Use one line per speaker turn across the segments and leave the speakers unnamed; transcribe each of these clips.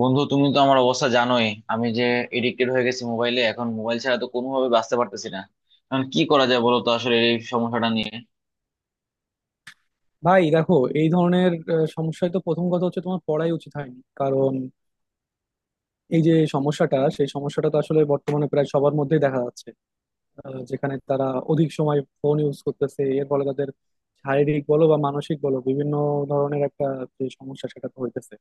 বন্ধু, তুমি তো আমার অবস্থা জানোই। আমি যে এডিক্টেড হয়ে গেছি মোবাইলে, এখন মোবাইল ছাড়া তো কোনোভাবে বাঁচতে পারতেছি না। এখন কি করা যায় বলো তো, আসলে এই সমস্যাটা নিয়ে।
ভাই দেখো, এই ধরনের সমস্যায় তো প্রথম কথা হচ্ছে তোমার পড়াই উচিত হয়নি, কারণ এই যে সমস্যাটা সেই সমস্যাটা তো আসলে বর্তমানে প্রায় সবার মধ্যেই দেখা যাচ্ছে। যেখানে তারা অধিক সময় ফোন ইউজ করতেছে, এর ফলে তাদের শারীরিক বলো বা মানসিক বলো বিভিন্ন ধরনের একটা যে সমস্যা সেটা তো হইতেছে।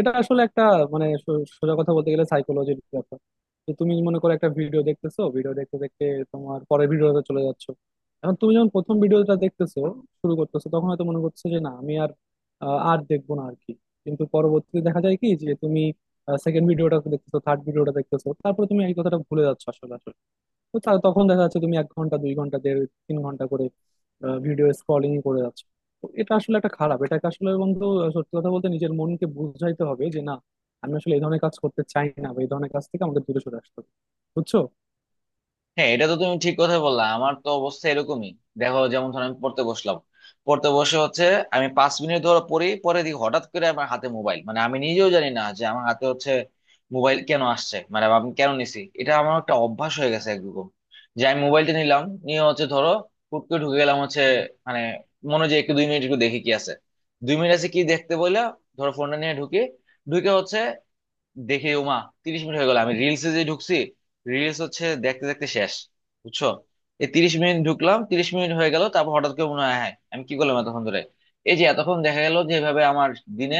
এটা আসলে একটা মানে সোজা কথা বলতে গেলে সাইকোলজির ব্যাপার। যে তুমি মনে করো একটা ভিডিও দেখতেছো, ভিডিও দেখতে দেখতে তোমার পরের ভিডিওতে চলে যাচ্ছ। এখন তুমি যখন প্রথম ভিডিওটা দেখতেছো শুরু করতেছো তখন হয়তো মনে করছো যে না আমি আর আর দেখবো না আর কি। কিন্তু পরবর্তীতে দেখা যায় কি যে তুমি সেকেন্ড ভিডিওটা দেখতেছো, থার্ড ভিডিওটা দেখতেছো, তারপরে তুমি এই কথাটা ভুলে যাচ্ছ আসলে আসলে। তো তখন দেখা যাচ্ছে তুমি 1 ঘন্টা, 2 ঘন্টা, 1.5 3 ঘন্টা করে ভিডিও স্ক্রলিং করে যাচ্ছ। তো এটা আসলে একটা খারাপ, এটাকে আসলে বন্ধু সত্যি কথা বলতে নিজের মনকে বুঝাইতে হবে যে না, আমি আসলে এই ধরনের কাজ করতে চাই না, বা এই ধরনের কাজ থেকে আমাদের দূরে সরে আসতে হবে। বুঝছো?
হ্যাঁ, এটা তো তুমি ঠিক কথা বললা, আমার তো অবস্থা এরকমই। দেখো, যেমন ধরো আমি পড়তে বসলাম, পড়তে বসে হচ্ছে আমি 5 মিনিট ধরে পড়ি, পরে দেখি হঠাৎ করে আমার হাতে মোবাইল। মানে, আমি নিজেও জানি না যে আমার হাতে হচ্ছে মোবাইল কেন আসছে, মানে আমি কেন নিছি। এটা আমার একটা অভ্যাস হয়ে গেছে একরকম, যে আমি মোবাইলটা নিলাম, নিয়ে হচ্ছে ধরো হুট করে ঢুকে গেলাম হচ্ছে। মানে, মনে হয় যে একটু 2 মিনিট একটু দেখি কি আছে। দুই মিনিট আছে কি দেখতে বললে ধরো ফোনটা নিয়ে ঢুকে ঢুকে হচ্ছে দেখি, ওমা, 30 মিনিট হয়ে গেল আমি রিলসে যে ঢুকছি। রিলস হচ্ছে দেখতে দেখতে শেষ, বুঝছো? এই 30 মিনিট ঢুকলাম, 30 মিনিট হয়ে গেল, তারপর হঠাৎ করে মনে হয় হ্যাঁ আমি কি করলাম এতক্ষণ ধরে। এই যে, এতক্ষণ দেখা গেল যে এভাবে আমার দিনে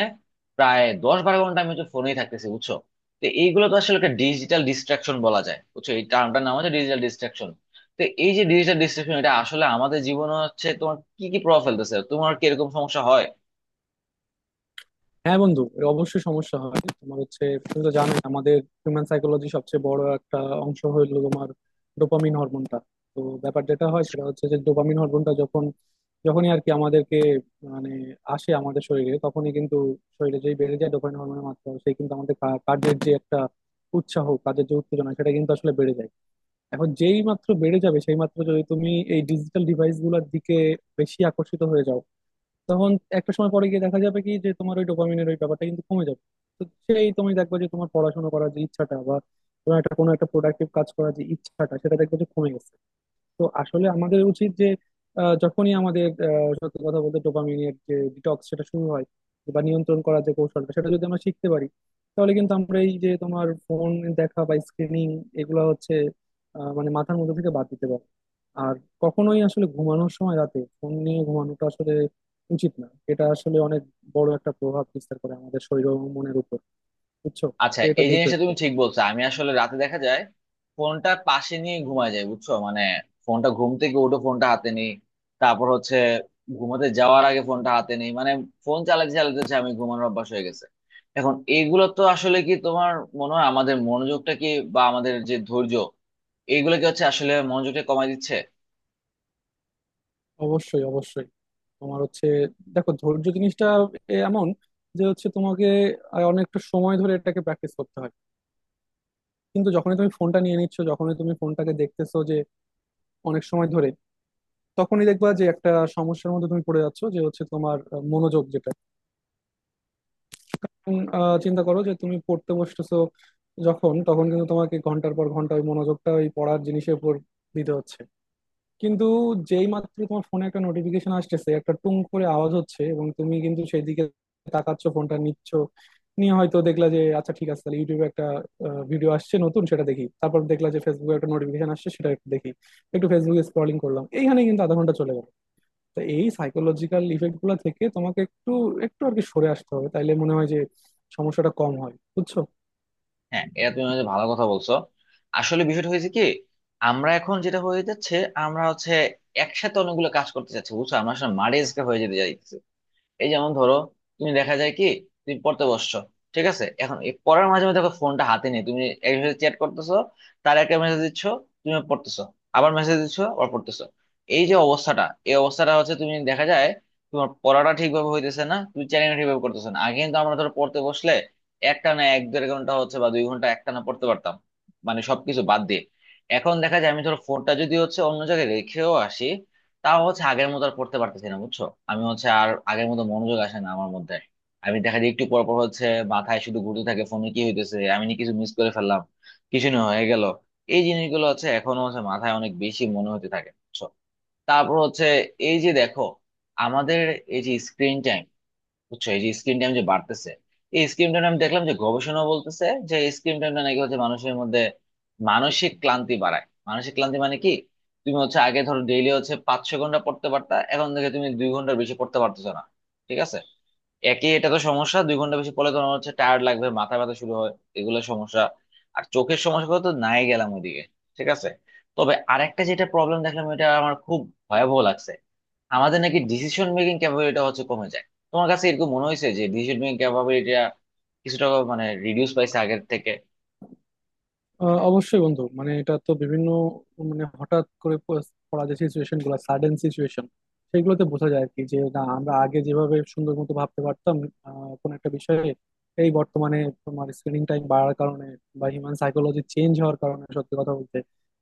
প্রায় 10-12 ঘন্টা আমি হচ্ছে ফোনেই থাকতেছি, বুঝছো? তো এইগুলো তো আসলে একটা ডিজিটাল ডিস্ট্রাকশন বলা যায়, বুঝছো, এই টার্মটার নাম হচ্ছে ডিজিটাল ডিস্ট্রাকশন। তো এই যে ডিজিটাল ডিস্ট্রাকশন, এটা আসলে আমাদের জীবনে হচ্ছে তোমার কি কি প্রভাব ফেলতেছে, তোমার কি এরকম সমস্যা হয়?
হ্যাঁ বন্ধু, এ অবশ্যই সমস্যা হয়। তোমার হচ্ছে, তুমি তো জানোই আমাদের হিউম্যান সাইকোলজি সবচেয়ে বড় একটা অংশ হলো তোমার ডোপামিন হরমোনটা। তো ব্যাপার যেটা হয় সেটা হচ্ছে যে ডোপামিন হরমোনটা যখনই আর কি আমাদেরকে মানে আসে আমাদের শরীরে, তখনই কিন্তু শরীরে যেই বেড়ে যায় ডোপামিন হরমোনের মাত্রা, সেই কিন্তু আমাদের কাজের যে একটা উৎসাহ, কাজের যে উত্তেজনা সেটা কিন্তু আসলে বেড়ে যায়। এখন যেই মাত্র বেড়ে যাবে সেই মাত্র যদি তুমি এই ডিজিটাল ডিভাইস গুলোর দিকে বেশি আকর্ষিত হয়ে যাও, তখন একটা সময় পরে গিয়ে দেখা যাবে কি যে তোমার ওই ডোপামিনের ওই ব্যাপারটা কিন্তু কমে যাবে। তো সেই তুমি দেখবে যে তোমার পড়াশোনা করার যে ইচ্ছাটা বা তোমার একটা কোনো একটা প্রোডাক্টিভ কাজ করার যে ইচ্ছাটা সেটা দেখবে যে কমে গেছে। তো আসলে আমাদের উচিত যে যখনই আমাদের সত্যি কথা বলতে ডোপামিনের যে ডিটক্স সেটা শুরু হয় বা নিয়ন্ত্রণ করার যে কৌশলটা সেটা যদি আমরা শিখতে পারি, তাহলে কিন্তু আমরা এই যে তোমার ফোন দেখা বা স্ক্রিনিং এগুলো হচ্ছে মানে মাথার মধ্যে থেকে বাদ দিতে পারবো। আর কখনোই আসলে ঘুমানোর সময় রাতে ফোন নিয়ে ঘুমানোটা আসলে উচিত না। এটা আসলে অনেক বড় একটা প্রভাব বিস্তার করে আমাদের শরীর ও মনের উপর। বুঝছো?
আচ্ছা,
তো এটা
এই
দেখো
জিনিসটা
একটু।
তুমি ঠিক বলছো। আমি আসলে রাতে দেখা যায় ফোনটা পাশে নিয়ে ঘুমায় যায়, বুঝছো? মানে ফোনটা, ঘুম থেকে উঠে ফোনটা হাতে নেই, তারপর হচ্ছে ঘুমাতে যাওয়ার আগে ফোনটা হাতে নেই, মানে ফোন চালাতে চালাতে হচ্ছে আমি ঘুমানোর অভ্যাস হয়ে গেছে। এখন এগুলো তো আসলে কি তোমার মনে হয়, আমাদের মনোযোগটা কি বা আমাদের যে ধৈর্য, এইগুলো কি হচ্ছে আসলে মনোযোগটা কমায় দিচ্ছে?
অবশ্যই, অবশ্যই। তোমার হচ্ছে, দেখো ধৈর্য জিনিসটা এমন, যে হচ্ছে তোমাকে অনেকটা সময় ধরে এটাকে প্র্যাকটিস করতে হয়। কিন্তু যখনই তুমি ফোনটা নিয়ে নিচ্ছ, যখনই তুমি ফোনটাকে দেখতেছো যে অনেক সময় ধরে, তখনই দেখবা যে একটা সমস্যার মধ্যে তুমি পড়ে যাচ্ছ, যে হচ্ছে তোমার মনোযোগ যেটা, চিন্তা করো যে তুমি পড়তে বসতেছো যখন, তখন কিন্তু তোমাকে ঘন্টার পর ঘন্টা ওই মনোযোগটা ওই পড়ার জিনিসের উপর দিতে হচ্ছে। কিন্তু যেই মাত্র তোমার ফোনে একটা নোটিফিকেশন আসতেছে, একটা টুং করে আওয়াজ হচ্ছে, এবং তুমি কিন্তু সেদিকে তাকাচ্ছ, ফোনটা নিচ্ছ, নিয়ে হয়তো দেখলা যে আচ্ছা ঠিক আছে, তাহলে ইউটিউবে একটা ভিডিও আসছে নতুন, সেটা দেখি। তারপর দেখলা যে ফেসবুকে একটা নোটিফিকেশন আসছে, সেটা একটু দেখি, একটু ফেসবুকে স্ক্রলিং করলাম, এইখানে কিন্তু আধা ঘন্টা চলে গেল। তো এই সাইকোলজিক্যাল ইফেক্ট গুলো থেকে তোমাকে একটু একটু আর কি সরে আসতে হবে, তাইলে মনে হয় যে সমস্যাটা কম হয়। বুঝছো?
হ্যাঁ, এটা তুমি হচ্ছে ভালো কথা বলছো। আসলে বিষয়টা হয়েছে কি, আমরা এখন যেটা হয়ে যাচ্ছে, আমরা হচ্ছে একসাথে অনেকগুলো কাজ করতে চাচ্ছি, বুঝছো, আমরা আসলে মারে হয়ে যেতে চাইছি। এই যেমন ধরো, তুমি দেখা যায় কি, তুমি পড়তে বসছো, ঠিক আছে, এখন এই পড়ার মাঝে মাঝে দেখো ফোনটা হাতে নিয়ে তুমি একজনের চ্যাট করতেছো, তার একটা মেসেজ দিচ্ছ, তুমি পড়তেছো, আবার মেসেজ দিচ্ছ, আবার পড়তেছো। এই যে অবস্থাটা, এই অবস্থাটা হচ্ছে তুমি দেখা যায় তোমার পড়াটা ঠিকভাবে হইতেছে না, তুমি চ্যাটিং ঠিকভাবে করতেছো না। আগে কিন্তু আমরা ধরো পড়তে বসলে একটা না 1-1.5 ঘন্টা হচ্ছে বা 2 ঘন্টা একটা না পড়তে পারতাম, মানে সবকিছু বাদ দিয়ে। এখন দেখা যায় আমি ধরো ফোনটা যদি হচ্ছে অন্য জায়গায় রেখেও আসি, তাও হচ্ছে আগের মতো আর পড়তে পারতেছি না, বুঝছো? আমি হচ্ছে আর আগের মতো মনোযোগ আসে না আমার মধ্যে। আমি দেখা যায় একটু পর পর হচ্ছে মাথায় শুধু ঘুরতে থাকে ফোনে কি হইতেছে, আমি নি কিছু মিস করে ফেললাম, কিছু না হয়ে গেল। এই জিনিসগুলো হচ্ছে এখনো হচ্ছে মাথায় অনেক বেশি মনে হতে থাকে, বুঝছো? তারপর হচ্ছে এই যে দেখো আমাদের এই যে স্ক্রিন টাইম, বুঝছো, এই যে স্ক্রিন টাইম যে বাড়তেছে, এই স্ক্রিন টাইম আমি দেখলাম যে গবেষণা বলতেছে যে স্ক্রিন টাইমটা নাকি হচ্ছে মানুষের মধ্যে মানসিক ক্লান্তি বাড়ায়। মানসিক ক্লান্তি মানে কি, তুমি হচ্ছে আগে ধরো ডেইলি হচ্ছে 500 ঘন্টা পড়তে পারতা, এখন থেকে তুমি 2 ঘন্টার বেশি পড়তে পারতেছো না, ঠিক আছে? একই, এটা তো সমস্যা, 2 ঘন্টা বেশি পড়লে তোমার হচ্ছে টায়ার্ড লাগবে, মাথা ব্যথা শুরু হয়, এগুলো সমস্যা। আর চোখের সমস্যা তো নাই গেলাম ওইদিকে, ঠিক আছে। তবে আরেকটা যেটা প্রবলেম দেখলাম, এটা আমার খুব ভয়াবহ লাগছে, আমাদের নাকি ডিসিশন মেকিং ক্যাপাবিলিটিটা হচ্ছে কমে যায়। তোমার কাছে এরকম মনে হয়েছে যে ডিসিশন মেকিং ক্যাপাবিলিটিটা কিছুটা, মানে, রিডিউস পাইছে আগের থেকে?
অবশ্যই বন্ধু, মানে এটা তো বিভিন্ন মানে হঠাৎ করে পড়া যে সিচুয়েশন গুলো, সাডেন সিচুয়েশন, সেগুলোতে বোঝা যায় আর কি যে না আমরা আগে যেভাবে সুন্দর মতো ভাবতে পারতাম কোনো একটা বিষয়ে, এই বর্তমানে তোমার স্ক্রিনিং টাইম বাড়ার কারণে বা হিউম্যান সাইকোলজি চেঞ্জ হওয়ার কারণে, সত্যি কথা বলতে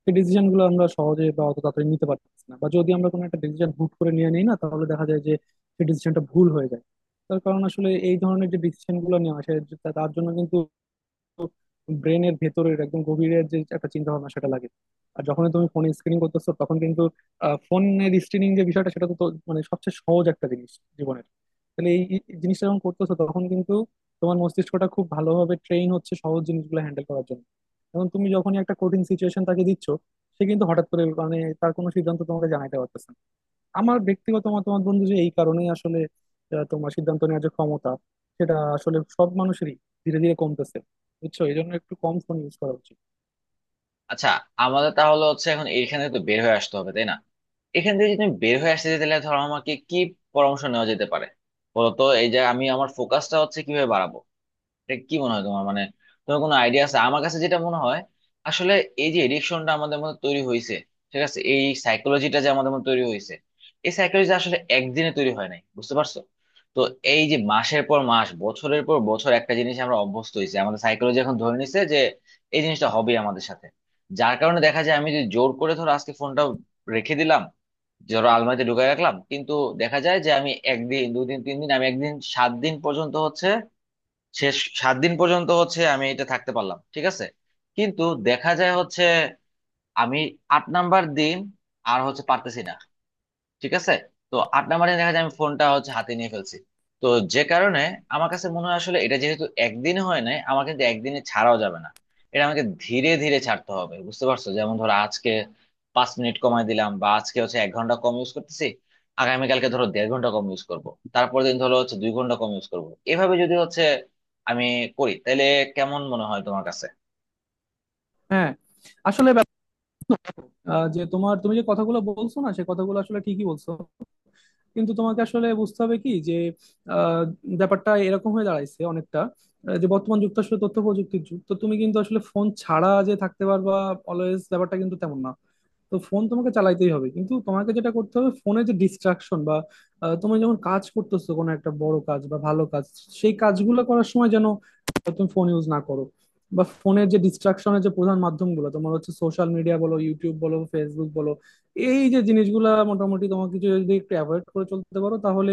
এই ডিসিশন গুলো আমরা সহজে বা অত তাড়াতাড়ি নিতে পারতেছি না, বা যদি আমরা কোনো একটা ডিসিশন হুট করে নিয়ে নিই না, তাহলে দেখা যায় যে সেই ডিসিশনটা ভুল হয়ে যায়। তার কারণ আসলে এই ধরনের যে ডিসিশন গুলো নেওয়া হয় তার জন্য কিন্তু ব্রেনের ভেতরের একদম গভীরের যে একটা চিন্তা ভাবনা সেটা লাগে। আর যখন তুমি ফোন স্ক্রিনিং করতেছো তখন কিন্তু ফোনের স্ক্রিনিং যে বিষয়টা সেটা তো তো মানে সবচেয়ে সহজ একটা জিনিস জীবনের। তাহলে এই এই জিনিসটা যখন করতেছো তখন কিন্তু তোমার মস্তিষ্কটা খুব ভালোভাবে ট্রেন হচ্ছে সহজ জিনিসগুলো হ্যান্ডেল করার জন্য। এখন তুমি যখনই একটা কঠিন সিচুয়েশন তাকে দিচ্ছ, সে কিন্তু হঠাৎ করে মানে তার কোনো সিদ্ধান্ত তোমাকে জানাইতে পারতেছে না। আমার ব্যক্তিগত মতামত বন্ধু যে এই কারণেই আসলে তোমার সিদ্ধান্ত নেওয়ার যে ক্ষমতা সেটা আসলে সব মানুষেরই ধীরে ধীরে কমতেছে। বুঝছো? এই জন্য একটু কম ফোন ইউজ করা উচিত।
আচ্ছা, আমাদের তাহলে হচ্ছে এখন এইখানে তো বের হয়ে আসতে হবে, তাই না? এখান থেকে যদি তুমি বের হয়ে আসতে চাই, তাহলে ধরো আমাকে কি পরামর্শ নেওয়া যেতে পারে, বলো তো? এই যে আমি আমার ফোকাসটা হচ্ছে কিভাবে বাড়াবো, এটা কি মনে হয় তোমার? মানে, তোমার কোনো আইডিয়া আছে? আমার কাছে যেটা মনে হয় আসলে, এই যে এডিকশনটা আমাদের মধ্যে তৈরি হয়েছে, ঠিক আছে, এই সাইকোলজিটা যে আমাদের মধ্যে তৈরি হয়েছে, এই সাইকোলজি আসলে একদিনে তৈরি হয় নাই, বুঝতে পারছো? তো এই যে মাসের পর মাস, বছরের পর বছর একটা জিনিস আমরা অভ্যস্ত হয়েছি, আমাদের সাইকোলজি এখন ধরে নিছে যে এই জিনিসটা হবে আমাদের সাথে। যার কারণে দেখা যায় আমি যদি জোর করে ধরো আজকে ফোনটা রেখে দিলাম, ধরো আলমারিতে ঢুকাই রাখলাম, কিন্তু দেখা যায় যে আমি একদিন, দুদিন, তিন দিন, আমি একদিন 7 দিন পর্যন্ত হচ্ছে শেষ, 7 দিন পর্যন্ত হচ্ছে আমি এটা থাকতে পারলাম, ঠিক আছে, কিন্তু দেখা যায় হচ্ছে আমি 8 নম্বর দিন আর হচ্ছে পারতেছি না, ঠিক আছে? তো 8 নম্বরে দেখা যায় আমি ফোনটা হচ্ছে হাতে নিয়ে ফেলছি। তো যে কারণে আমার কাছে মনে হয় আসলে, এটা যেহেতু একদিনে হয় নাই, আমার কিন্তু একদিনে ছাড়াও যাবে না, এটা আমাকে ধীরে ধীরে ছাড়তে হবে, বুঝতে পারছো? যেমন ধরো আজকে 5 মিনিট কমায় দিলাম, বা আজকে হচ্ছে 1 ঘন্টা কম ইউজ করতেছি, আগামীকালকে ধরো 1.5 ঘন্টা কম ইউজ করব, তারপর দিন ধরো হচ্ছে 2 ঘন্টা কম ইউজ করব, এভাবে যদি হচ্ছে আমি করি, তাহলে কেমন মনে হয় তোমার কাছে?
হ্যাঁ, আসলে যে তোমার, তুমি যে কথাগুলো বলছো না, সে কথাগুলো আসলে ঠিকই বলছো। কিন্তু তোমাকে আসলে বুঝতে হবে কি যে আহ, ব্যাপারটা এরকম হয়ে দাঁড়াইছে অনেকটা, যে বর্তমান যুগ তো আসলে তথ্য প্রযুক্তির যুগ, তো তুমি কিন্তু আসলে ফোন ছাড়া যে থাকতে পারবা অলওয়েজ, ব্যাপারটা কিন্তু তেমন না। তো ফোন তোমাকে চালাইতেই হবে, কিন্তু তোমাকে যেটা করতে হবে, ফোনে যে ডিস্ট্রাকশন বা তুমি যখন কাজ করতেছো কোনো একটা বড় কাজ বা ভালো কাজ, সেই কাজগুলো করার সময় যেন তুমি ফোন ইউজ না করো, বা ফোনের যে ডিস্ট্রাকশনের যে প্রধান মাধ্যমগুলো তোমার হচ্ছে সোশ্যাল মিডিয়া বলো, ইউটিউব বলো, ফেসবুক বলো, এই যে জিনিসগুলা মোটামুটি তোমাকে কিছু যদি একটু অ্যাভয়েড করে চলতে পারো, তাহলে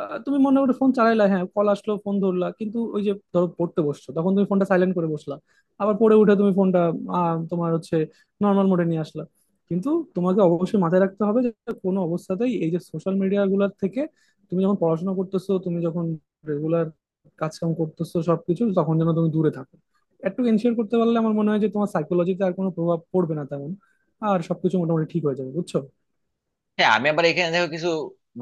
তুমি মনে করো ফোন চালাইলা, হ্যাঁ কল আসলো ফোন ধরলা, কিন্তু ওই যে ধরো পড়তে বসছো তখন তুমি ফোনটা সাইলেন্ট করে বসলা। আবার পড়ে উঠে তুমি ফোনটা তোমার হচ্ছে নর্মাল মোডে নিয়ে আসলা। কিন্তু তোমাকে অবশ্যই মাথায় রাখতে হবে যে কোনো অবস্থাতেই এই যে সোশ্যাল মিডিয়া গুলার থেকে, তুমি যখন পড়াশোনা করতেছো, তুমি যখন রেগুলার কাজকাম করতেছো সবকিছু, তখন যেন তুমি দূরে থাকো। একটু এনশিওর করতে পারলে আমার মনে হয় যে তোমার সাইকোলজিতে আর কোনো প্রভাব পড়বে না তেমন, আর সবকিছু মোটামুটি ঠিক হয়ে যাবে। বুঝছো?
হ্যাঁ, আমি আবার এখানে দেখো কিছু,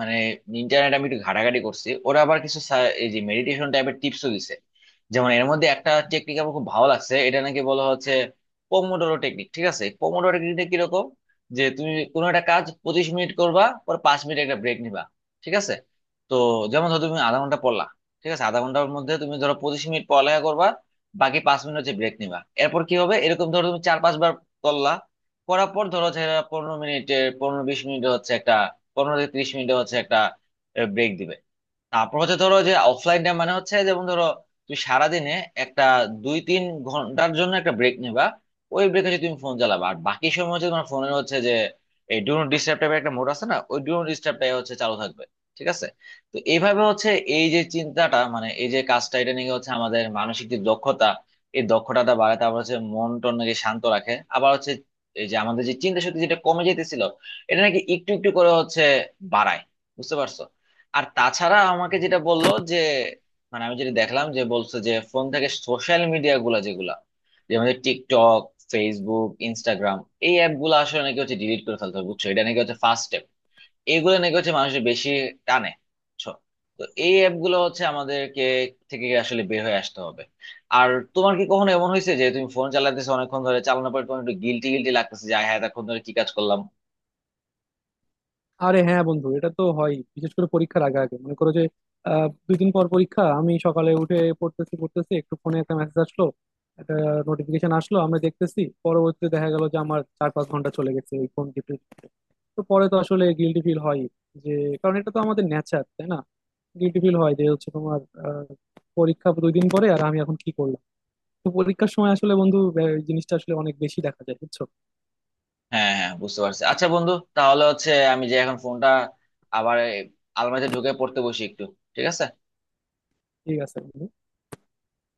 মানে, ইন্টারনেট আমি একটু ঘাটাঘাটি করছি, ওরা আবার কিছু এই যে মেডিটেশন টাইপের টিপসও দিছে। যেমন এর মধ্যে একটা টেকনিক আমার খুব ভালো লাগছে, এটা নাকি বলা হচ্ছে পোমোডোরো টেকনিক, ঠিক আছে। পোমোডোরো টেকনিকটা কিরকম, যে তুমি কোনো একটা কাজ 25 মিনিট করবা, পর 5 মিনিট একটা ব্রেক নিবা, ঠিক আছে। তো যেমন ধরো তুমি আধা ঘন্টা পড়লা, ঠিক আছে, আধা ঘন্টার মধ্যে তুমি ধরো 25 মিনিট পড়ালেখা করবা, বাকি 5 মিনিট হচ্ছে ব্রেক নিবা। এরপর কি হবে, এরকম ধরো তুমি 4-5 বার করলা, করার পর ধরো যে এরা 15 মিনিটের, 15-20 মিনিট হচ্ছে একটা, 15 থেকে 30 মিনিট হচ্ছে একটা ব্রেক দিবে। তারপর হচ্ছে ধরো যে অফলাইন ডে, মানে হচ্ছে যেমন ধরো তুমি সারাদিনে একটা 2-3 ঘন্টার জন্য একটা ব্রেক নিবা, ওই ব্রেকে হচ্ছে তুমি ফোন চালাবা, আর বাকি সময় হচ্ছে তোমার ফোনের হচ্ছে যে এই ডু নট ডিস্টার্ব টাইপের একটা মোড আছে না, ওই ডু নট ডিস্টার্বটাই হচ্ছে চালু থাকবে, ঠিক আছে। তো এইভাবে হচ্ছে এই যে চিন্তাটা, মানে এই যে কাজটা, এটা নিয়ে হচ্ছে আমাদের মানসিক যে দক্ষতা, এই দক্ষতাটা বাড়ায়, তারপর হচ্ছে মন টন নাকি শান্ত রাখে, আবার হচ্ছে এই যে আমাদের যে চিন্তা শক্তি যেটা কমে যেতেছিল, এটা নাকি একটু একটু করে হচ্ছে বাড়ায়, বুঝতে পারছো? আর তাছাড়া আমাকে যেটা বললো যে, মানে, আমি যেটা দেখলাম যে বলছে যে ফোন থেকে সোশ্যাল মিডিয়া গুলা যেগুলা, যেমন যে আমাদের টিকটক, ফেসবুক, ইনস্টাগ্রাম, এই অ্যাপ গুলো আসলে নাকি হচ্ছে ডিলিট করে ফেলতে হবে, বুঝছো, এটা নাকি হচ্ছে ফার্স্ট স্টেপ। এইগুলো নাকি হচ্ছে মানুষের বেশি টানে, বুঝছো? তো এই অ্যাপ গুলো হচ্ছে আমাদেরকে থেকে আসলে বের হয়ে আসতে হবে। আর তোমার কি কখনো এমন হয়েছে যে তুমি ফোন চালাতেছো, অনেকক্ষণ ধরে চালানোর পর তোমার একটু গিলটি গিলটি লাগতেছে যে আয় হ্যাঁ, এতক্ষণ ধরে কি কাজ করলাম?
আরে হ্যাঁ বন্ধু, এটা তো হয়, বিশেষ করে পরীক্ষার আগে আগে মনে করো যে 2 দিন পর পরীক্ষা, আমি সকালে উঠে পড়তেছি পড়তেছি, একটু ফোনে একটা মেসেজ আসলো, একটা নোটিফিকেশন আসলো, আমরা দেখতেছি, পরবর্তীতে দেখা গেল যে আমার 4-5 ঘন্টা চলে গেছে এই ফোন টিপতে টিপতে। তো পরে তো আসলে গিল্টি ফিল হয়, যে কারণ এটা তো আমাদের নেচার, তাই না? গিল্টি ফিল হয় যে হচ্ছে তোমার আহ, পরীক্ষা 2 দিন পরে আর আমি এখন কি করলাম। তো পরীক্ষার সময় আসলে বন্ধু এই জিনিসটা আসলে অনেক বেশি দেখা যায়। বুঝছো?
হ্যাঁ হ্যাঁ, বুঝতে পারছি। আচ্ছা বন্ধু, তাহলে হচ্ছে আমি যে এখন ফোনটা আবার এই আলমারিতে ঢুকে পড়তে বসি একটু, ঠিক আছে।
ঠিক আছে বন্ধু।